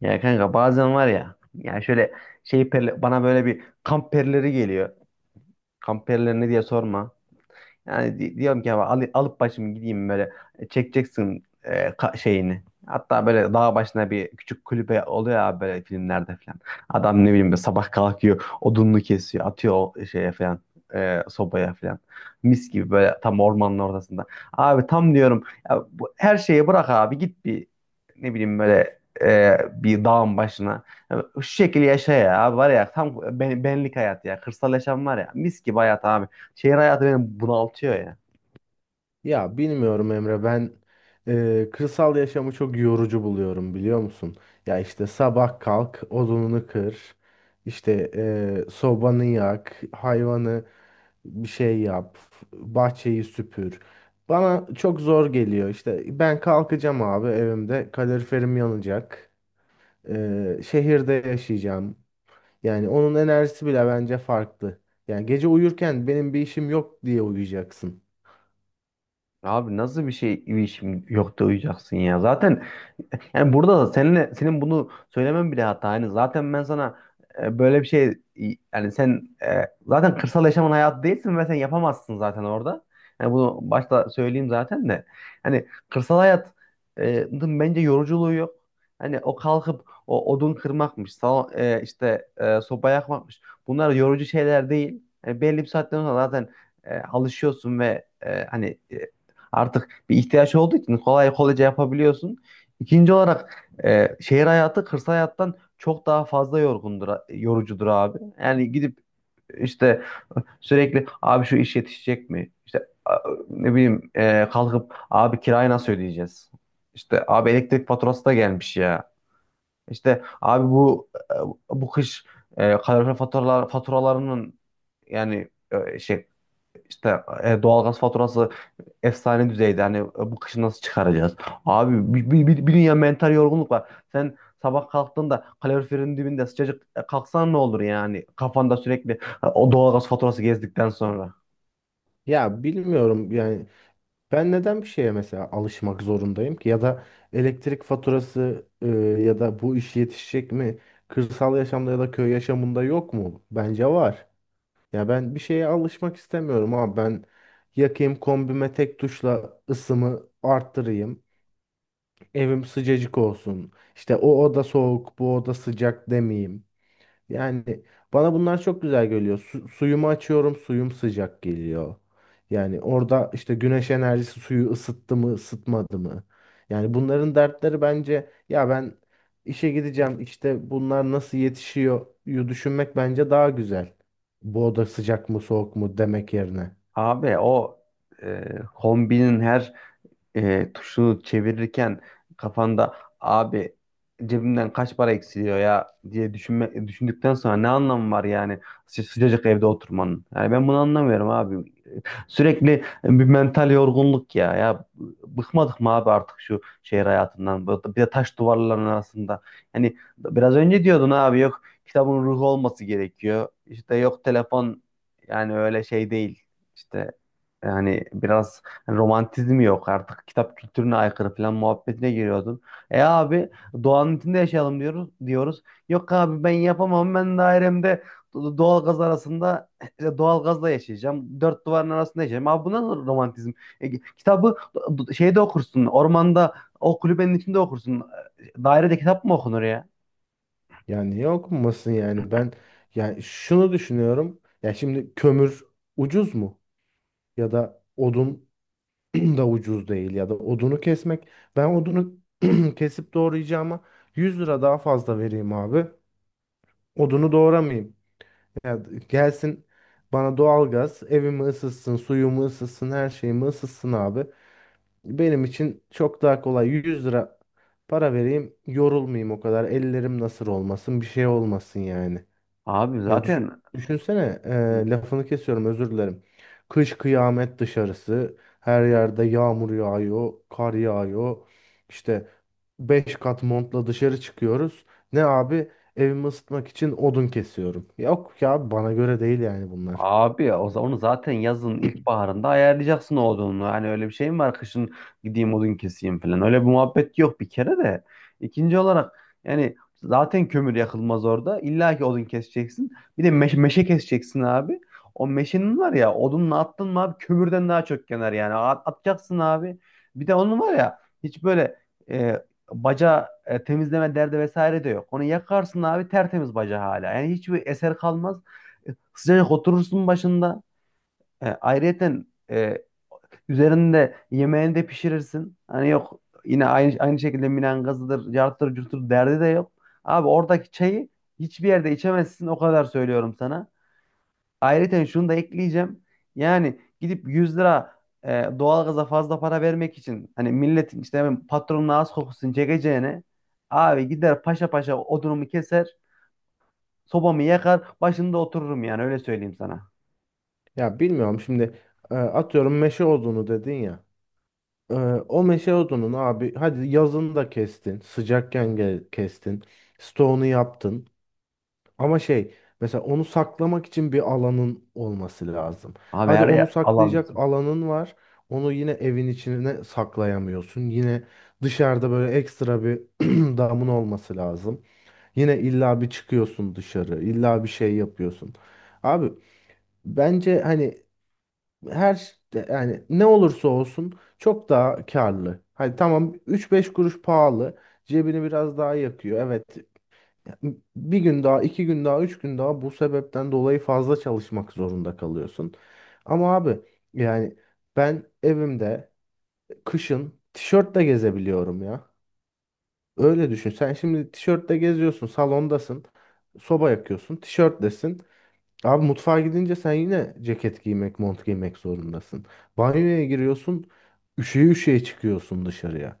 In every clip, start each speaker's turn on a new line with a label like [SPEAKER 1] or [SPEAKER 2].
[SPEAKER 1] Ya kanka bazen var ya yani şöyle bana böyle bir kamp perileri geliyor. Kamp perileri ne diye sorma. Yani diyorum ki ya alıp başımı gideyim böyle çekeceksin şeyini. Hatta böyle dağ başına bir küçük kulübe oluyor ya böyle filmlerde falan. Adam ne bileyim böyle sabah kalkıyor, odununu kesiyor, atıyor o şeye falan, sobaya falan. Mis gibi böyle tam ormanın ortasında. Abi tam diyorum ya bu, her şeyi bırak abi git bir ne bileyim böyle bir dağın başına. Ya şu şekilde yaşa ya abi var ya tam benlik hayat ya. Kırsal yaşam var ya mis gibi hayat abi. Şehir hayatı beni bunaltıyor ya.
[SPEAKER 2] Ya bilmiyorum Emre ben kırsal yaşamı çok yorucu buluyorum biliyor musun? Ya işte sabah kalk odununu kır işte sobanı yak hayvanı bir şey yap bahçeyi süpür. Bana çok zor geliyor. İşte ben kalkacağım abi, evimde kaloriferim yanacak, şehirde yaşayacağım, yani onun enerjisi bile bence farklı. Yani gece uyurken benim bir işim yok diye uyuyacaksın.
[SPEAKER 1] Abi nasıl bir şey bir işim yok da uyuyacaksın ya. Zaten yani burada da seninle senin bunu söylemen bile hata. Yani zaten ben sana böyle bir şey yani sen zaten kırsal yaşamın hayatı değilsin ve sen yapamazsın zaten orada. Yani bunu başta söyleyeyim zaten de. Hani kırsal hayat e, dın bence yoruculuğu yok. Hani o kalkıp o odun kırmakmış, işte sopa yakmakmış. Bunlar yorucu şeyler değil. Yani belli bir saatten sonra zaten alışıyorsun ve hani artık bir ihtiyaç olduğu için kolay kolayca yapabiliyorsun. İkinci olarak şehir hayatı kırsal hayattan çok daha fazla yorgundur, yorucudur abi. Yani gidip işte sürekli abi şu iş yetişecek mi? İşte ne bileyim kalkıp abi kirayı nasıl ödeyeceğiz? İşte abi elektrik faturası da gelmiş ya. İşte abi bu bu kış kalorifer faturalarının yani işte doğalgaz faturası efsane düzeyde. Hani bu kışı nasıl çıkaracağız? Abi bir dünya mental yorgunluk var. Sen sabah kalktığında kaloriferin dibinde sıcacık kalksan ne olur yani? Kafanda sürekli o doğalgaz faturası gezdikten sonra.
[SPEAKER 2] Ya bilmiyorum yani ben neden bir şeye mesela alışmak zorundayım ki, ya da elektrik faturası ya da bu iş yetişecek mi? Kırsal yaşamda ya da köy yaşamında yok mu? Bence var. Ya ben bir şeye alışmak istemiyorum, ama ben yakayım kombime, tek tuşla ısımı arttırayım. Evim sıcacık olsun. İşte o oda soğuk, bu oda sıcak demeyeyim. Yani bana bunlar çok güzel geliyor. Suyumu açıyorum, suyum sıcak geliyor. Yani orada işte güneş enerjisi suyu ısıttı mı, ısıtmadı mı? Yani bunların dertleri bence, ya ben işe gideceğim, işte bunlar nasıl yetişiyor yu düşünmek bence daha güzel. Bu oda sıcak mı, soğuk mu demek yerine.
[SPEAKER 1] Abi o kombinin her tuşunu çevirirken kafanda abi cebimden kaç para eksiliyor ya diye düşünme, düşündükten sonra ne anlamı var yani sıcacık evde oturmanın? Yani ben bunu anlamıyorum abi. Sürekli bir mental yorgunluk ya. Ya bıkmadık mı abi artık şu şehir hayatından? Bir de taş duvarların arasında. Yani biraz önce diyordun abi yok kitabın ruhu olması gerekiyor. İşte yok telefon yani öyle şey değil. İşte yani biraz romantizmi yok artık. Kitap kültürüne aykırı falan muhabbetine giriyordun. Abi, doğanın içinde yaşayalım diyoruz diyoruz. Yok abi ben yapamam. Ben dairemde doğalgaz arasında işte doğalgazla yaşayacağım. Dört duvarın arasında yaşayacağım. Abi bu nasıl romantizm? E, Kitabı şeyde okursun. Ormanda o kulübenin içinde okursun. Dairede kitap mı okunur ya?
[SPEAKER 2] Yani yok musun yani? Ben yani şunu düşünüyorum. Ya şimdi kömür ucuz mu? Ya da odun da ucuz değil, ya da odunu kesmek. Ben odunu kesip doğrayacağıma 100 lira daha fazla vereyim abi. Odunu doğramayayım. Ya gelsin bana doğalgaz, evimi ısıtsın, suyumu ısıtsın, her şeyimi ısıtsın abi. Benim için çok daha kolay, 100 lira para vereyim, yorulmayayım o kadar. Ellerim nasır olmasın, bir şey olmasın yani.
[SPEAKER 1] Abi
[SPEAKER 2] Ya düşün,
[SPEAKER 1] zaten.
[SPEAKER 2] düşünsene,
[SPEAKER 1] Hı.
[SPEAKER 2] lafını kesiyorum, özür dilerim. Kış kıyamet dışarısı, her yerde yağmur yağıyor, kar yağıyor. İşte 5 kat montla dışarı çıkıyoruz. Ne abi? Evimi ısıtmak için odun kesiyorum. Yok ya, bana göre değil yani bunlar.
[SPEAKER 1] Abi ya, o onu zaten yazın ilkbaharında ayarlayacaksın o odununu. Hani öyle bir şey mi var kışın gideyim odun keseyim falan. Öyle bir muhabbet yok bir kere de. İkinci olarak yani zaten kömür yakılmaz orada. İlla ki odun keseceksin. Bir de meşe keseceksin abi. O meşenin var ya odunla attın mı abi kömürden daha çok yanar yani. Atacaksın abi. Bir de onun var ya hiç böyle e, baca temizleme derdi vesaire de yok. Onu yakarsın abi tertemiz baca hala. Yani hiçbir eser kalmaz. Sıcacık oturursun başında. Ayrıyeten e, üzerinde yemeğini de pişirirsin. Hani yok yine aynı şekilde minangazıdır, cartır curtur derdi de yok. Abi oradaki çayı hiçbir yerde içemezsin o kadar söylüyorum sana. Ayrıyeten şunu da ekleyeceğim. Yani gidip 100 lira e, doğalgaza fazla para vermek için hani milletin işte hemen patronun ağız kokusunu çekeceğine abi gider paşa paşa odunumu keser, sobamı yakar, başında otururum yani öyle söyleyeyim sana.
[SPEAKER 2] Ya bilmiyorum şimdi, atıyorum meşe odunu dedin ya. E, O meşe odunun abi, hadi yazın da kestin, sıcakken kestin, stoğunu yaptın. Ama şey, mesela onu saklamak için bir alanın olması lazım.
[SPEAKER 1] Abi
[SPEAKER 2] Hadi
[SPEAKER 1] her
[SPEAKER 2] onu
[SPEAKER 1] yer alan.
[SPEAKER 2] saklayacak alanın var. Onu yine evin içine saklayamıyorsun. Yine dışarıda böyle ekstra bir damın olması lazım. Yine illa bir çıkıyorsun dışarı, illa bir şey yapıyorsun. Abi bence hani her ş- yani ne olursa olsun çok daha karlı. Hadi tamam, üç beş kuruş pahalı. Cebini biraz daha yakıyor. Evet ya, bir gün daha, iki gün daha, üç gün daha bu sebepten dolayı fazla çalışmak zorunda kalıyorsun. Ama abi yani ben evimde kışın tişörtle gezebiliyorum ya. Öyle düşün. Sen şimdi tişörtle geziyorsun, salondasın, soba yakıyorsun, tişörtlesin. Abi mutfağa gidince sen yine ceket giymek, mont giymek zorundasın. Banyoya giriyorsun, üşüye üşüye çıkıyorsun dışarıya.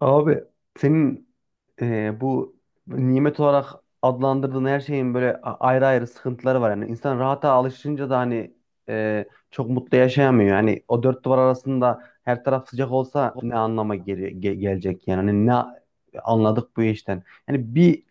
[SPEAKER 1] Abi senin bu nimet olarak adlandırdığın her şeyin böyle ayrı ayrı sıkıntıları var. Yani insan rahata alışınca da hani e, çok mutlu yaşayamıyor. Yani o dört duvar arasında her taraf sıcak olsa ne anlama gelecek yani. Hani ne anladık bu işten. Yani bir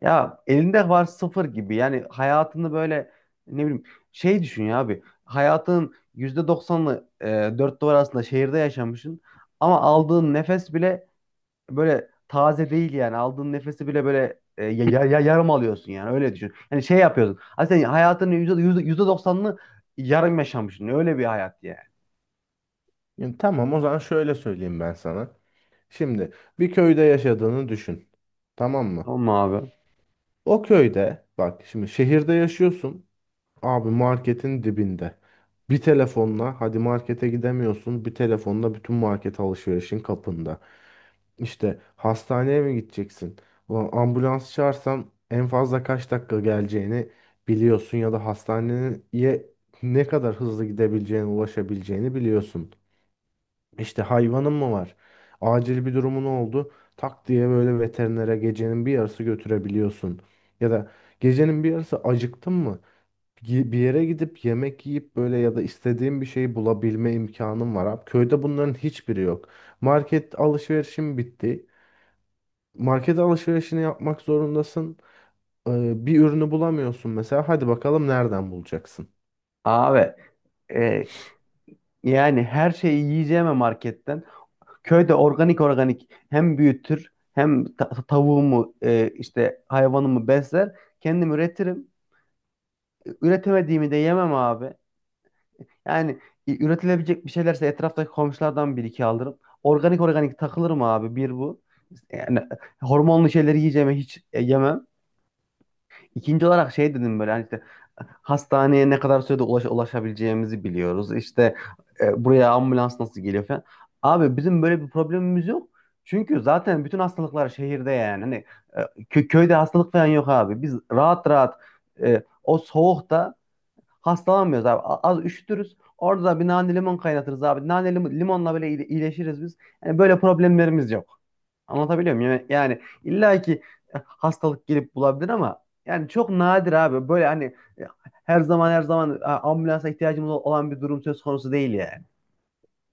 [SPEAKER 1] ya elinde var sıfır gibi yani hayatını böyle ne bileyim şey düşün ya abi hayatın %90'ını dört duvar arasında şehirde yaşamışsın ama aldığın nefes bile böyle taze değil yani. Aldığın nefesi bile böyle yarım alıyorsun yani. Öyle düşün. Yani şey yapıyorsun. Hani sen hayatının %90'ını yarım yaşamışsın. Öyle bir hayat yani.
[SPEAKER 2] Yani tamam, o zaman şöyle söyleyeyim ben sana. Şimdi bir köyde yaşadığını düşün. Tamam mı?
[SPEAKER 1] Tamam mı abi?
[SPEAKER 2] O köyde, bak şimdi şehirde yaşıyorsun. Abi marketin dibinde. Bir telefonla hadi markete gidemiyorsun. Bir telefonla bütün market alışverişin kapında. İşte hastaneye mi gideceksin? Ulan ambulans çağırsam en fazla kaç dakika geleceğini biliyorsun, ya da hastaneye ne kadar hızlı gidebileceğini, ulaşabileceğini biliyorsun. İşte hayvanın mı var? Acil bir durumun oldu. Tak diye böyle veterinere gecenin bir yarısı götürebiliyorsun. Ya da gecenin bir yarısı acıktın mı? Bir yere gidip yemek yiyip, böyle ya da istediğin bir şeyi bulabilme imkanın var. Abi, köyde bunların hiçbiri yok. Market alışverişim bitti, market alışverişini yapmak zorundasın. Bir ürünü bulamıyorsun mesela. Hadi bakalım nereden bulacaksın?
[SPEAKER 1] Abi e, yani her şeyi yiyeceğime marketten. Köyde organik organik hem büyütür hem tavuğumu işte hayvanımı besler. Kendim üretirim. Üretemediğimi de yemem abi. Yani üretilebilecek bir şeylerse etraftaki komşulardan bir iki alırım. Organik organik takılırım abi bir bu. Yani hormonlu şeyleri yiyeceğime hiç yemem. İkinci olarak şey dedim böyle hani işte hastaneye ne kadar sürede ulaşabileceğimizi biliyoruz. İşte buraya ambulans nasıl geliyor falan. Abi bizim böyle bir problemimiz yok. Çünkü zaten bütün hastalıklar şehirde yani. Hani köyde hastalık falan yok abi. Biz rahat rahat o soğukta hastalanmıyoruz abi. Az üşütürüz. Orada da bir nane limon kaynatırız abi. Nane limonla böyle iyileşiriz biz. Yani böyle problemlerimiz yok. Anlatabiliyor muyum? Yani illa ki hastalık gelip bulabilir ama yani çok nadir abi. Böyle hani e, her zaman her zaman ambulansa ihtiyacımız olan bir durum söz konusu değil yani.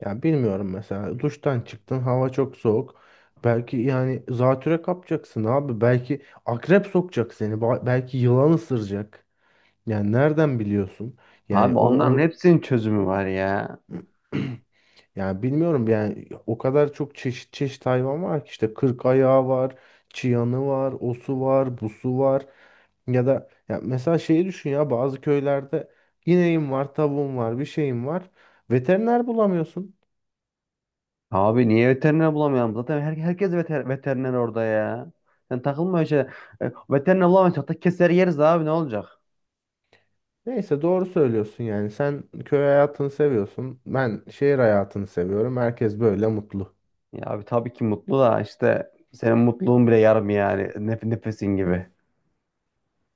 [SPEAKER 2] Ya bilmiyorum mesela. Duştan çıktın, hava çok soğuk. Belki yani zatüre kapacaksın abi. Belki akrep sokacak seni. Belki yılan ısıracak. Yani nereden biliyorsun? Yani
[SPEAKER 1] Abi
[SPEAKER 2] o,
[SPEAKER 1] onların
[SPEAKER 2] o
[SPEAKER 1] hepsinin çözümü var ya.
[SPEAKER 2] yani bilmiyorum, yani o kadar çok çeşit çeşit hayvan var ki, işte kırk ayağı var, çıyanı var, osu var, busu var. Ya da ya mesela şeyi düşün, ya bazı köylerde ineğim var, tavuğum var, bir şeyim var. Veteriner bulamıyorsun.
[SPEAKER 1] Abi niye veteriner bulamayalım? Zaten herkes veteriner orada ya. Sen takılma öyle şey. Veteriner bulamayız. Hatta keser yeriz abi ne olacak?
[SPEAKER 2] Neyse, doğru söylüyorsun yani, sen köy hayatını seviyorsun, ben şehir hayatını seviyorum. Herkes böyle mutlu.
[SPEAKER 1] Ya abi tabii ki mutlu da işte senin mutluluğun bile yarım yani nefesin gibi.